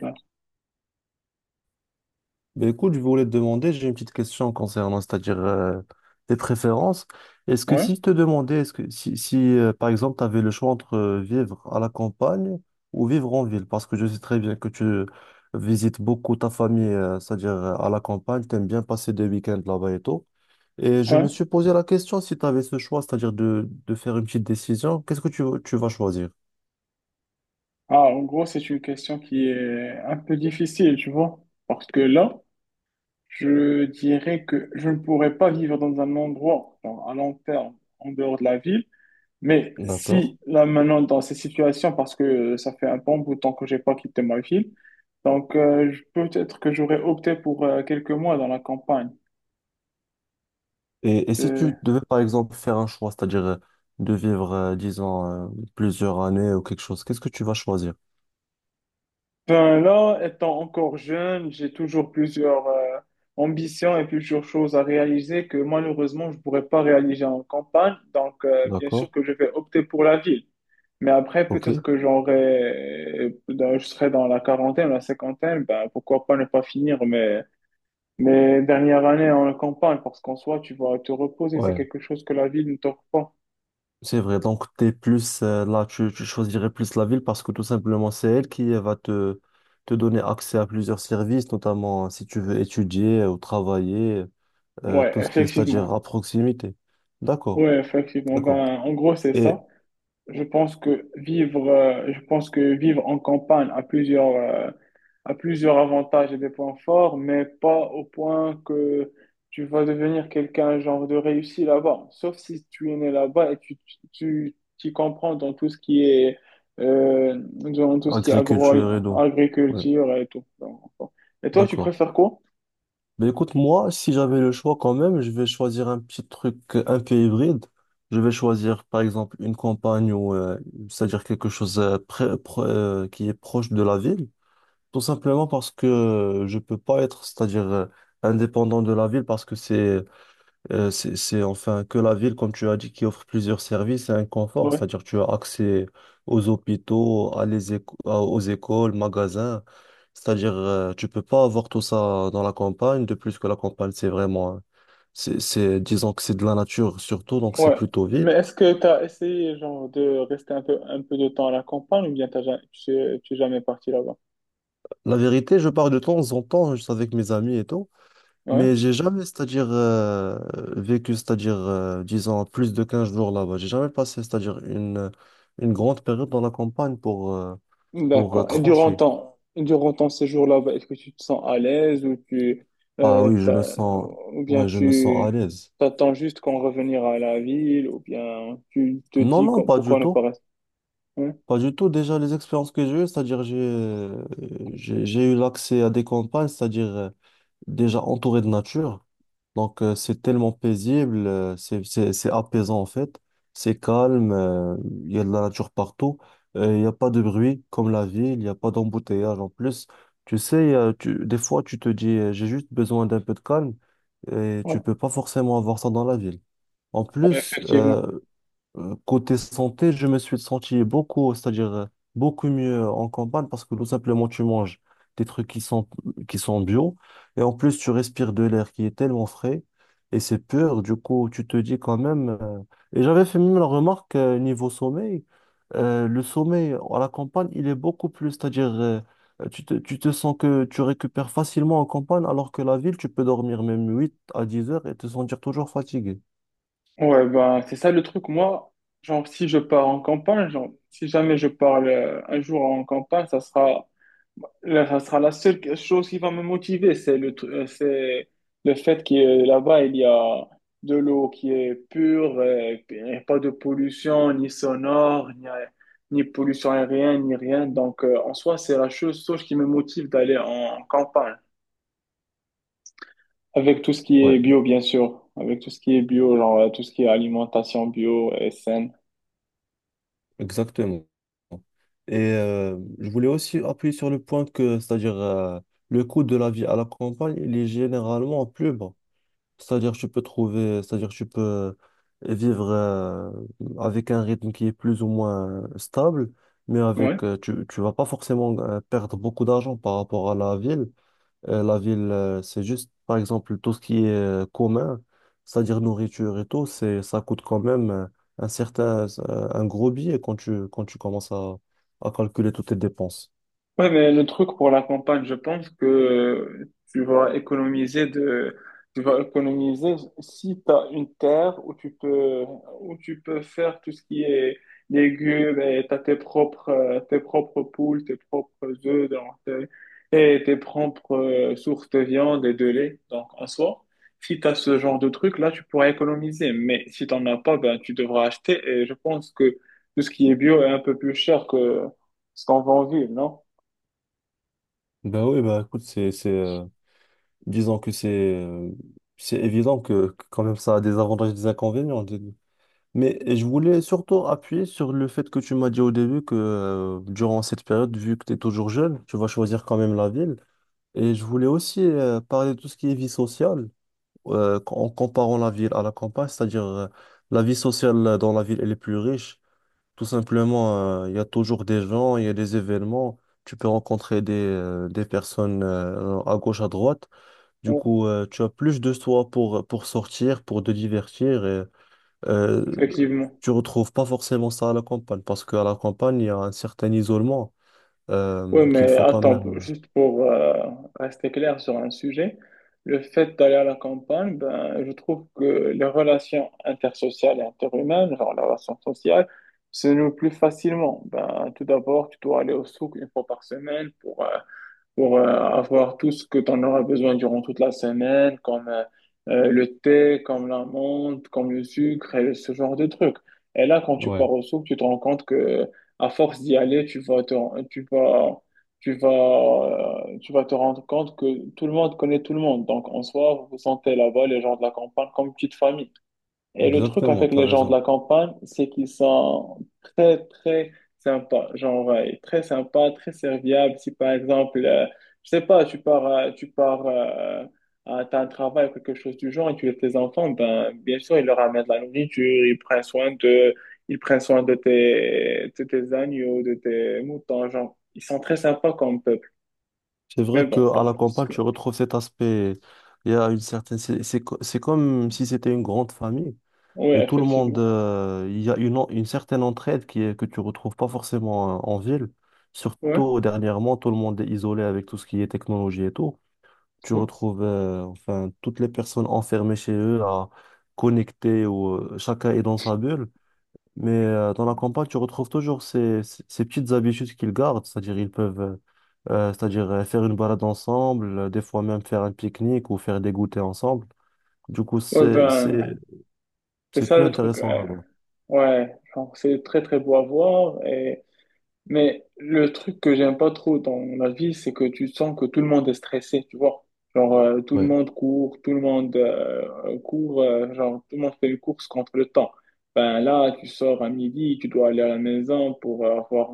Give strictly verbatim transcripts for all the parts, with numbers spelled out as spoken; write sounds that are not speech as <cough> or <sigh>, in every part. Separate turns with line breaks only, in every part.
Ouais,
Ben écoute, je voulais te demander, j'ai une petite question concernant, c'est-à-dire euh, tes préférences. Est-ce que
ouais,
si je te demandais, est-ce que si, si euh, par exemple tu avais le choix entre euh, vivre à la campagne ou vivre en ville, parce que je sais très bien que tu visites beaucoup ta famille, euh, c'est-à-dire euh, à la campagne, tu aimes bien passer des week-ends là-bas et tout. Et je
ouais.
me suis posé la question si tu avais ce choix, c'est-à-dire de, de faire une petite décision, qu'est-ce que tu, tu vas choisir?
Ah, en gros, c'est une question qui est un peu difficile, tu vois, parce que là, je dirais que je ne pourrais pas vivre dans un endroit, genre, à long terme, en dehors de la ville, mais
D'accord.
si, là, maintenant, dans ces situations, parce que ça fait un bon bout de temps que j'ai pas quitté ma ville, donc euh, je- peut-être que j'aurais opté pour euh, quelques mois dans la campagne.
Et, et si tu devais, par exemple, faire un choix, c'est-à-dire euh, de vivre, euh, disons, euh, plusieurs années ou quelque chose, qu'est-ce que tu vas choisir?
Ben là, étant encore jeune, j'ai toujours plusieurs euh, ambitions et plusieurs choses à réaliser que malheureusement, je ne pourrais pas réaliser en campagne. Donc, euh, bien sûr
D'accord?
que je vais opter pour la ville. Mais après,
Ok?
peut-être que j'aurai, dans- je serai dans la quarantaine, la cinquantaine, ben, pourquoi pas ne pas finir mes, mes dernières années en campagne, parce qu'en soi, tu vas te reposer, c'est
Ouais.
quelque chose que la ville ne t'offre pas.
C'est vrai. Donc, t'es plus, euh, là, tu, tu choisirais plus la ville parce que tout simplement, c'est elle qui euh, va te, te donner accès à plusieurs services, notamment euh, si tu veux étudier ou travailler, euh,
Ouais,
tout ce qui est, c'est-à-dire
effectivement.
à proximité. D'accord.
Ouais, effectivement.
D'accord.
Ben, en gros, c'est
Et
ça. Je pense que vivre, euh, je pense que vivre en campagne a plusieurs, euh, a plusieurs avantages et des points forts, mais pas au point que tu vas devenir quelqu'un genre de réussi là-bas. Sauf si tu es né là-bas et tu, tu, tu t'y comprends dans tout ce qui est, euh, dans tout ce qui est agro,
agriculture et tout. Ouais.
agriculture et tout. Donc, bon. Et toi, tu
D'accord.
préfères quoi?
Ben écoute, moi, si j'avais le choix quand même, je vais choisir un petit truc euh, un peu hybride. Je vais choisir, par exemple, une campagne ou, euh, c'est-à-dire quelque chose euh, près- pro- euh, qui est proche de la ville. Tout simplement parce que euh, je peux pas être, c'est-à-dire euh, indépendant de la ville parce que c'est euh, c'est, c'est enfin que la ville, comme tu as dit, qui offre plusieurs services et un confort,
Ouais.
c'est-à-dire tu as accès aux hôpitaux, à les éco- à- aux écoles, magasins, c'est-à-dire euh, tu peux pas avoir tout ça dans la campagne, de plus que la campagne c'est vraiment, hein, c'est, c'est- disons que c'est de la nature surtout, donc c'est
Ouais.
plutôt
Mais
vide.
est-ce que tu as essayé genre de rester un peu un peu de temps à la campagne ou bien t'as ja- tu es, tu es jamais parti là-bas?
La vérité, je pars de temps en temps juste avec mes amis et tout.
Ouais.
Mais j'ai jamais, c'est-à-dire, euh, vécu, c'est-à-dire, euh, disons, plus de quinze jours là-bas. J'ai jamais passé, c'est-à-dire, une, une grande période dans la campagne pour, euh, pour euh,
D'accord. Et durant
trancher.
ton durant ton séjour là-bas, est-ce que tu te sens à l'aise ou tu
Ah
euh,
oui, je me
t'as-
sens,
ou bien
ouais, je me sens à
tu
l'aise.
t'attends juste qu'on revenir à la ville ou bien tu te
Non,
dis
non,
qu'on-
pas du
pourquoi ne pas
tout.
rester? Ouais.
Pas du tout. Déjà, les expériences que j'ai eues, c'est-à-dire, j'ai, euh, j'ai, j'ai eu l'accès à des campagnes, c'est-à-dire, euh, déjà entouré de nature. Donc, euh, c'est tellement paisible, euh, c'est, c'est, c'est apaisant en fait. C'est calme, euh, il y a de la nature partout. euh, Il n'y a pas de bruit comme la ville, il n'y a pas d'embouteillage en plus. Tu sais, euh, tu- des fois, tu te dis, euh, j'ai juste besoin d'un peu de calme et tu
Ouais,
peux pas forcément avoir ça dans la ville. En
ouais,
plus,
effectivement.
euh, euh, Côté santé, je me suis senti beaucoup, c'est-à-dire euh, beaucoup mieux en campagne parce que tout simplement tu manges des trucs qui sont, qui sont bio et en plus tu respires de l'air qui est tellement frais et c'est pur. Du coup, tu te dis quand même. euh, Et j'avais fait même la remarque euh, niveau sommeil, euh, le sommeil à la campagne il est beaucoup plus, c'est-à-dire euh, tu te, tu te sens que tu récupères facilement en campagne alors que la ville tu peux dormir même huit à dix heures et te sentir toujours fatigué.
Ouais, ben, c'est ça le truc. Moi, genre, si je pars en campagne, genre, si jamais je pars euh, un jour en campagne, ça sera, là, ça sera la seule chose qui va me motiver. C'est le, tru- euh, c'est le fait que euh, là-bas, il y a de l'eau qui est pure, euh, et puis, pas de pollution, ni sonore, ni, euh, ni pollution aérienne, ni rien. Donc, euh, en soi, c'est la chose, chose qui me motive d'aller en campagne. Avec tout ce qui
ouais
est bio, bien sûr. Avec tout ce qui est bio, genre euh, tout ce qui est alimentation bio et saine.
Exactement. Et euh, je voulais aussi appuyer sur le point que, c'est-à-dire, euh, le coût de la vie à la campagne, il est généralement plus bas. C'est-à-dire, tu peux trouver, c'est-à-dire, tu peux vivre euh, avec un rythme qui est plus ou moins stable, mais
Ouais.
avec, euh, tu, tu vas pas forcément euh, perdre beaucoup d'argent par rapport à la ville. Euh, la ville, euh, c'est juste, par exemple, tout ce qui est euh, commun, c'est-à-dire nourriture et tout, c'est, ça coûte quand même euh, un certain, euh, un gros billet quand tu, quand tu commences à, à calculer toutes tes dépenses.
Ouais, mais le truc pour la campagne, je pense que euh, tu vas économiser de, tu vas économiser si tu as une terre où tu peux, où tu peux faire tout ce qui est légumes et tu as tes propres, euh, tes propres poules, tes propres œufs donc, euh, et tes propres euh, sources de viande et de lait. Donc, en soi, si tu as ce genre de truc, là, tu pourras économiser. Mais si tu n'en as pas, ben, tu devras acheter. Et je pense que tout ce qui est bio est un peu plus cher que ce qu'on vend en ville, non?
Ben oui, ben écoute, c'est, c'est, euh, disons que c'est, euh, c'est évident que, que quand même ça a des avantages et des inconvénients. des- Mais je voulais surtout appuyer sur le fait que tu m'as dit au début que euh, durant cette période, vu que tu es toujours jeune, tu vas choisir quand même la ville. Et je voulais aussi euh, parler de tout ce qui est vie sociale. euh, en comparant la ville à la campagne, c'est-à-dire euh, la vie sociale euh, dans la ville, elle est plus riche. Tout simplement, euh, il y a toujours des gens, il y a des événements, tu peux rencontrer des, euh, des personnes euh, à gauche, à droite. Du
Ouais,
coup, euh, tu as plus de soi pour, pour sortir, pour te divertir. Et, euh,
effectivement.
Tu retrouves pas forcément ça à la campagne, parce qu'à la campagne, il y a un certain isolement
Oui,
euh, qu'il
mais
faut quand
attends, pour-
même...
juste pour euh, rester clair sur un sujet, le fait d'aller à la campagne, ben, je trouve que les relations intersociales et interhumaines, genre la relation sociale, se nouent plus facilement. Ben, tout d'abord, tu dois aller au souk une fois par semaine pour euh, pour euh, avoir tout ce que tu en auras besoin durant toute la semaine, comme euh, euh, le thé, comme l'amande, comme le sucre et ce genre de trucs. Et là, quand tu
Ouais.
pars au souk, tu te rends compte que à force d'y aller, tu vas te, tu vas, tu vas, euh, tu vas te rendre compte que tout le monde connaît tout le monde. Donc, en soi, vous vous sentez là-bas les gens de la campagne comme une petite famille. Et le truc
Exactement,
avec
tu as
les gens de
raison.
la campagne, c'est qu'ils sont très, très sympas. Genre, euh, très sympas, très serviables. Si par exemple, euh, je sais pas, tu pars, euh, tu pars, euh, à t'as un travail ou quelque chose du genre et tu laisses tes enfants, ben, bien sûr, ils leur amènent de la nourriture, ils prennent soin de, ils prennent soin de tes, de tes agneaux, de tes moutons. Genre, ils sont très sympas comme peuple.
C'est
Mais
vrai
bon,
qu'à la
pardon, parce
campagne,
que,
tu retrouves cet aspect. Il y a une certaine. C'est c'est co- c'est comme si c'était une grande famille
oui,
et tout le monde.
effectivement.
euh, il y a une, en- une certaine entraide qui est, que tu retrouves pas forcément euh, en ville.
Ouais.
Surtout dernièrement, tout le monde est isolé avec tout ce qui est technologie et tout. Tu retrouves euh, enfin toutes les personnes enfermées chez eux à connecter ou euh, chacun est dans sa bulle. Mais euh, dans la campagne, tu retrouves toujours ces, ces- ces petites habitudes qu'ils gardent, c'est-à-dire ils peuvent euh, euh, c'est-à-dire euh, faire une balade ensemble, euh, des fois même faire un pique-nique ou faire des goûters ensemble. Du coup,
Ouais,
c'est c'est
ben, c'est
c'est
ça
plus
le truc.
intéressant
euh,
là-bas.
Ouais, genre, c'est très très beau à voir. Et... Mais le truc que j'aime pas trop dans la vie, c'est que tu sens que tout le monde est stressé, tu vois. Genre, euh, tout le
Ouais,
monde court, tout le monde euh, court, euh, genre, tout le monde fait une course contre le temps. Ben là, tu sors à midi, tu dois aller à la maison pour euh, avoir,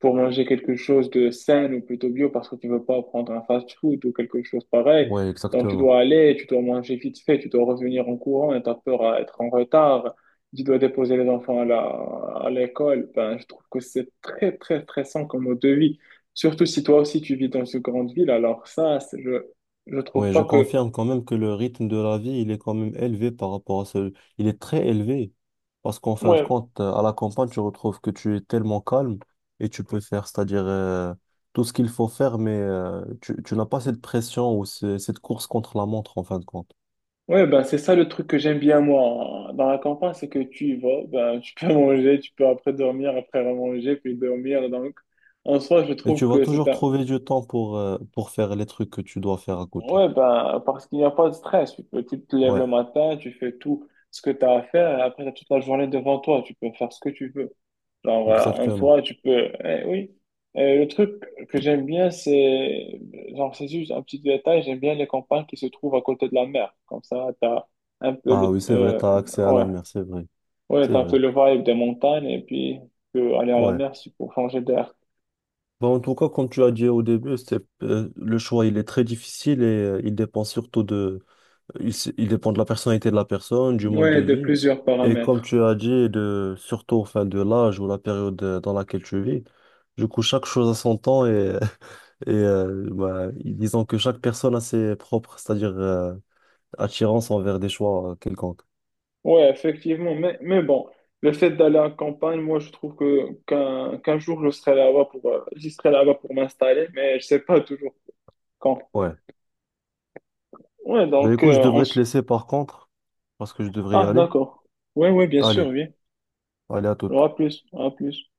pour manger quelque chose de sain ou plutôt bio parce que tu veux pas prendre un fast-food ou quelque chose pareil.
ouais,
Donc, tu
exactement.
dois aller, tu dois manger vite fait, tu dois revenir en courant et t'as peur à être en retard, tu dois déposer les enfants à la, à l'école. Ben, je trouve que c'est très, très stressant comme mode de vie. Surtout si toi aussi tu vis dans une grande ville, alors ça, c'est- je, je trouve
Ouais, je
pas que.
confirme quand même que le rythme de la vie, il est quand même élevé par rapport à ce... Il est très élevé. Parce qu'en fin de
Ouais,
compte, euh, à la campagne, tu retrouves que tu es tellement calme et tu peux faire, c'est-à-dire euh, tout ce qu'il faut faire, mais euh, tu, tu n'as pas cette pression ou ce- cette course contre la montre, en fin de compte.
ouais, ben, c'est ça le truc que j'aime bien, moi, dans la campagne, c'est que tu y vas, ben, tu peux <laughs> manger, tu peux après dormir, après remanger, puis dormir. Donc, en soi, je
Et tu
trouve
vas
que c'est
toujours
un.
trouver du temps pour, euh, pour faire les trucs que tu dois faire à côté.
Ouais, ben, parce qu'il n'y a pas de stress. Tu peux- tu te lèves le
Ouais,
matin, tu fais tout ce que tu as à faire, et après, tu as toute la journée devant toi, tu peux faire ce que tu veux. Genre, euh, en
exactement.
soi, tu peux. Eh oui. Euh, le truc que j'aime bien, c'est. Genre, c'est juste un petit détail. J'aime bien les campagnes qui se trouvent à côté de la mer. Comme ça, t'as un peu
Ah
le.
oui, c'est vrai,
Euh,
tu as accès à
ouais.
la mer, c'est vrai.
Ouais,
C'est
t'as un
vrai.
peu le vibe des montagnes et puis tu peux aller à la
Ouais.
mer si- pour changer d'air.
Bon, en tout cas, comme tu as dit au début, c'est, euh, le choix, il est très difficile et euh, il dépend surtout de, il, s- il dépend de la personnalité de la personne, du mode de
Ouais, de
vie.
plusieurs
Et comme
paramètres.
tu as dit, de, surtout enfin, de l'âge ou la période euh, dans laquelle tu vis. Du coup, chaque chose a son temps et, <laughs> et euh, bah, disons que chaque personne a ses propres, c'est-à-dire euh, attirance envers des choix euh, quelconques.
Ouais, effectivement. Mais, mais bon, le fait d'aller en campagne, moi, je trouve que qu'un qu'un jour, je serai là-bas pour, euh, j'y serai là-bas pour m'installer, mais je sais pas toujours quand.
Ouais.
Ouais,
Ben
donc,
écoute, je
euh, on,
devrais te laisser par contre, parce que je devrais y
ah,
aller.
d'accord. Ouais, ouais, bien sûr,
Allez,
oui.
allez à
Alors,
toute.
à plus, à plus.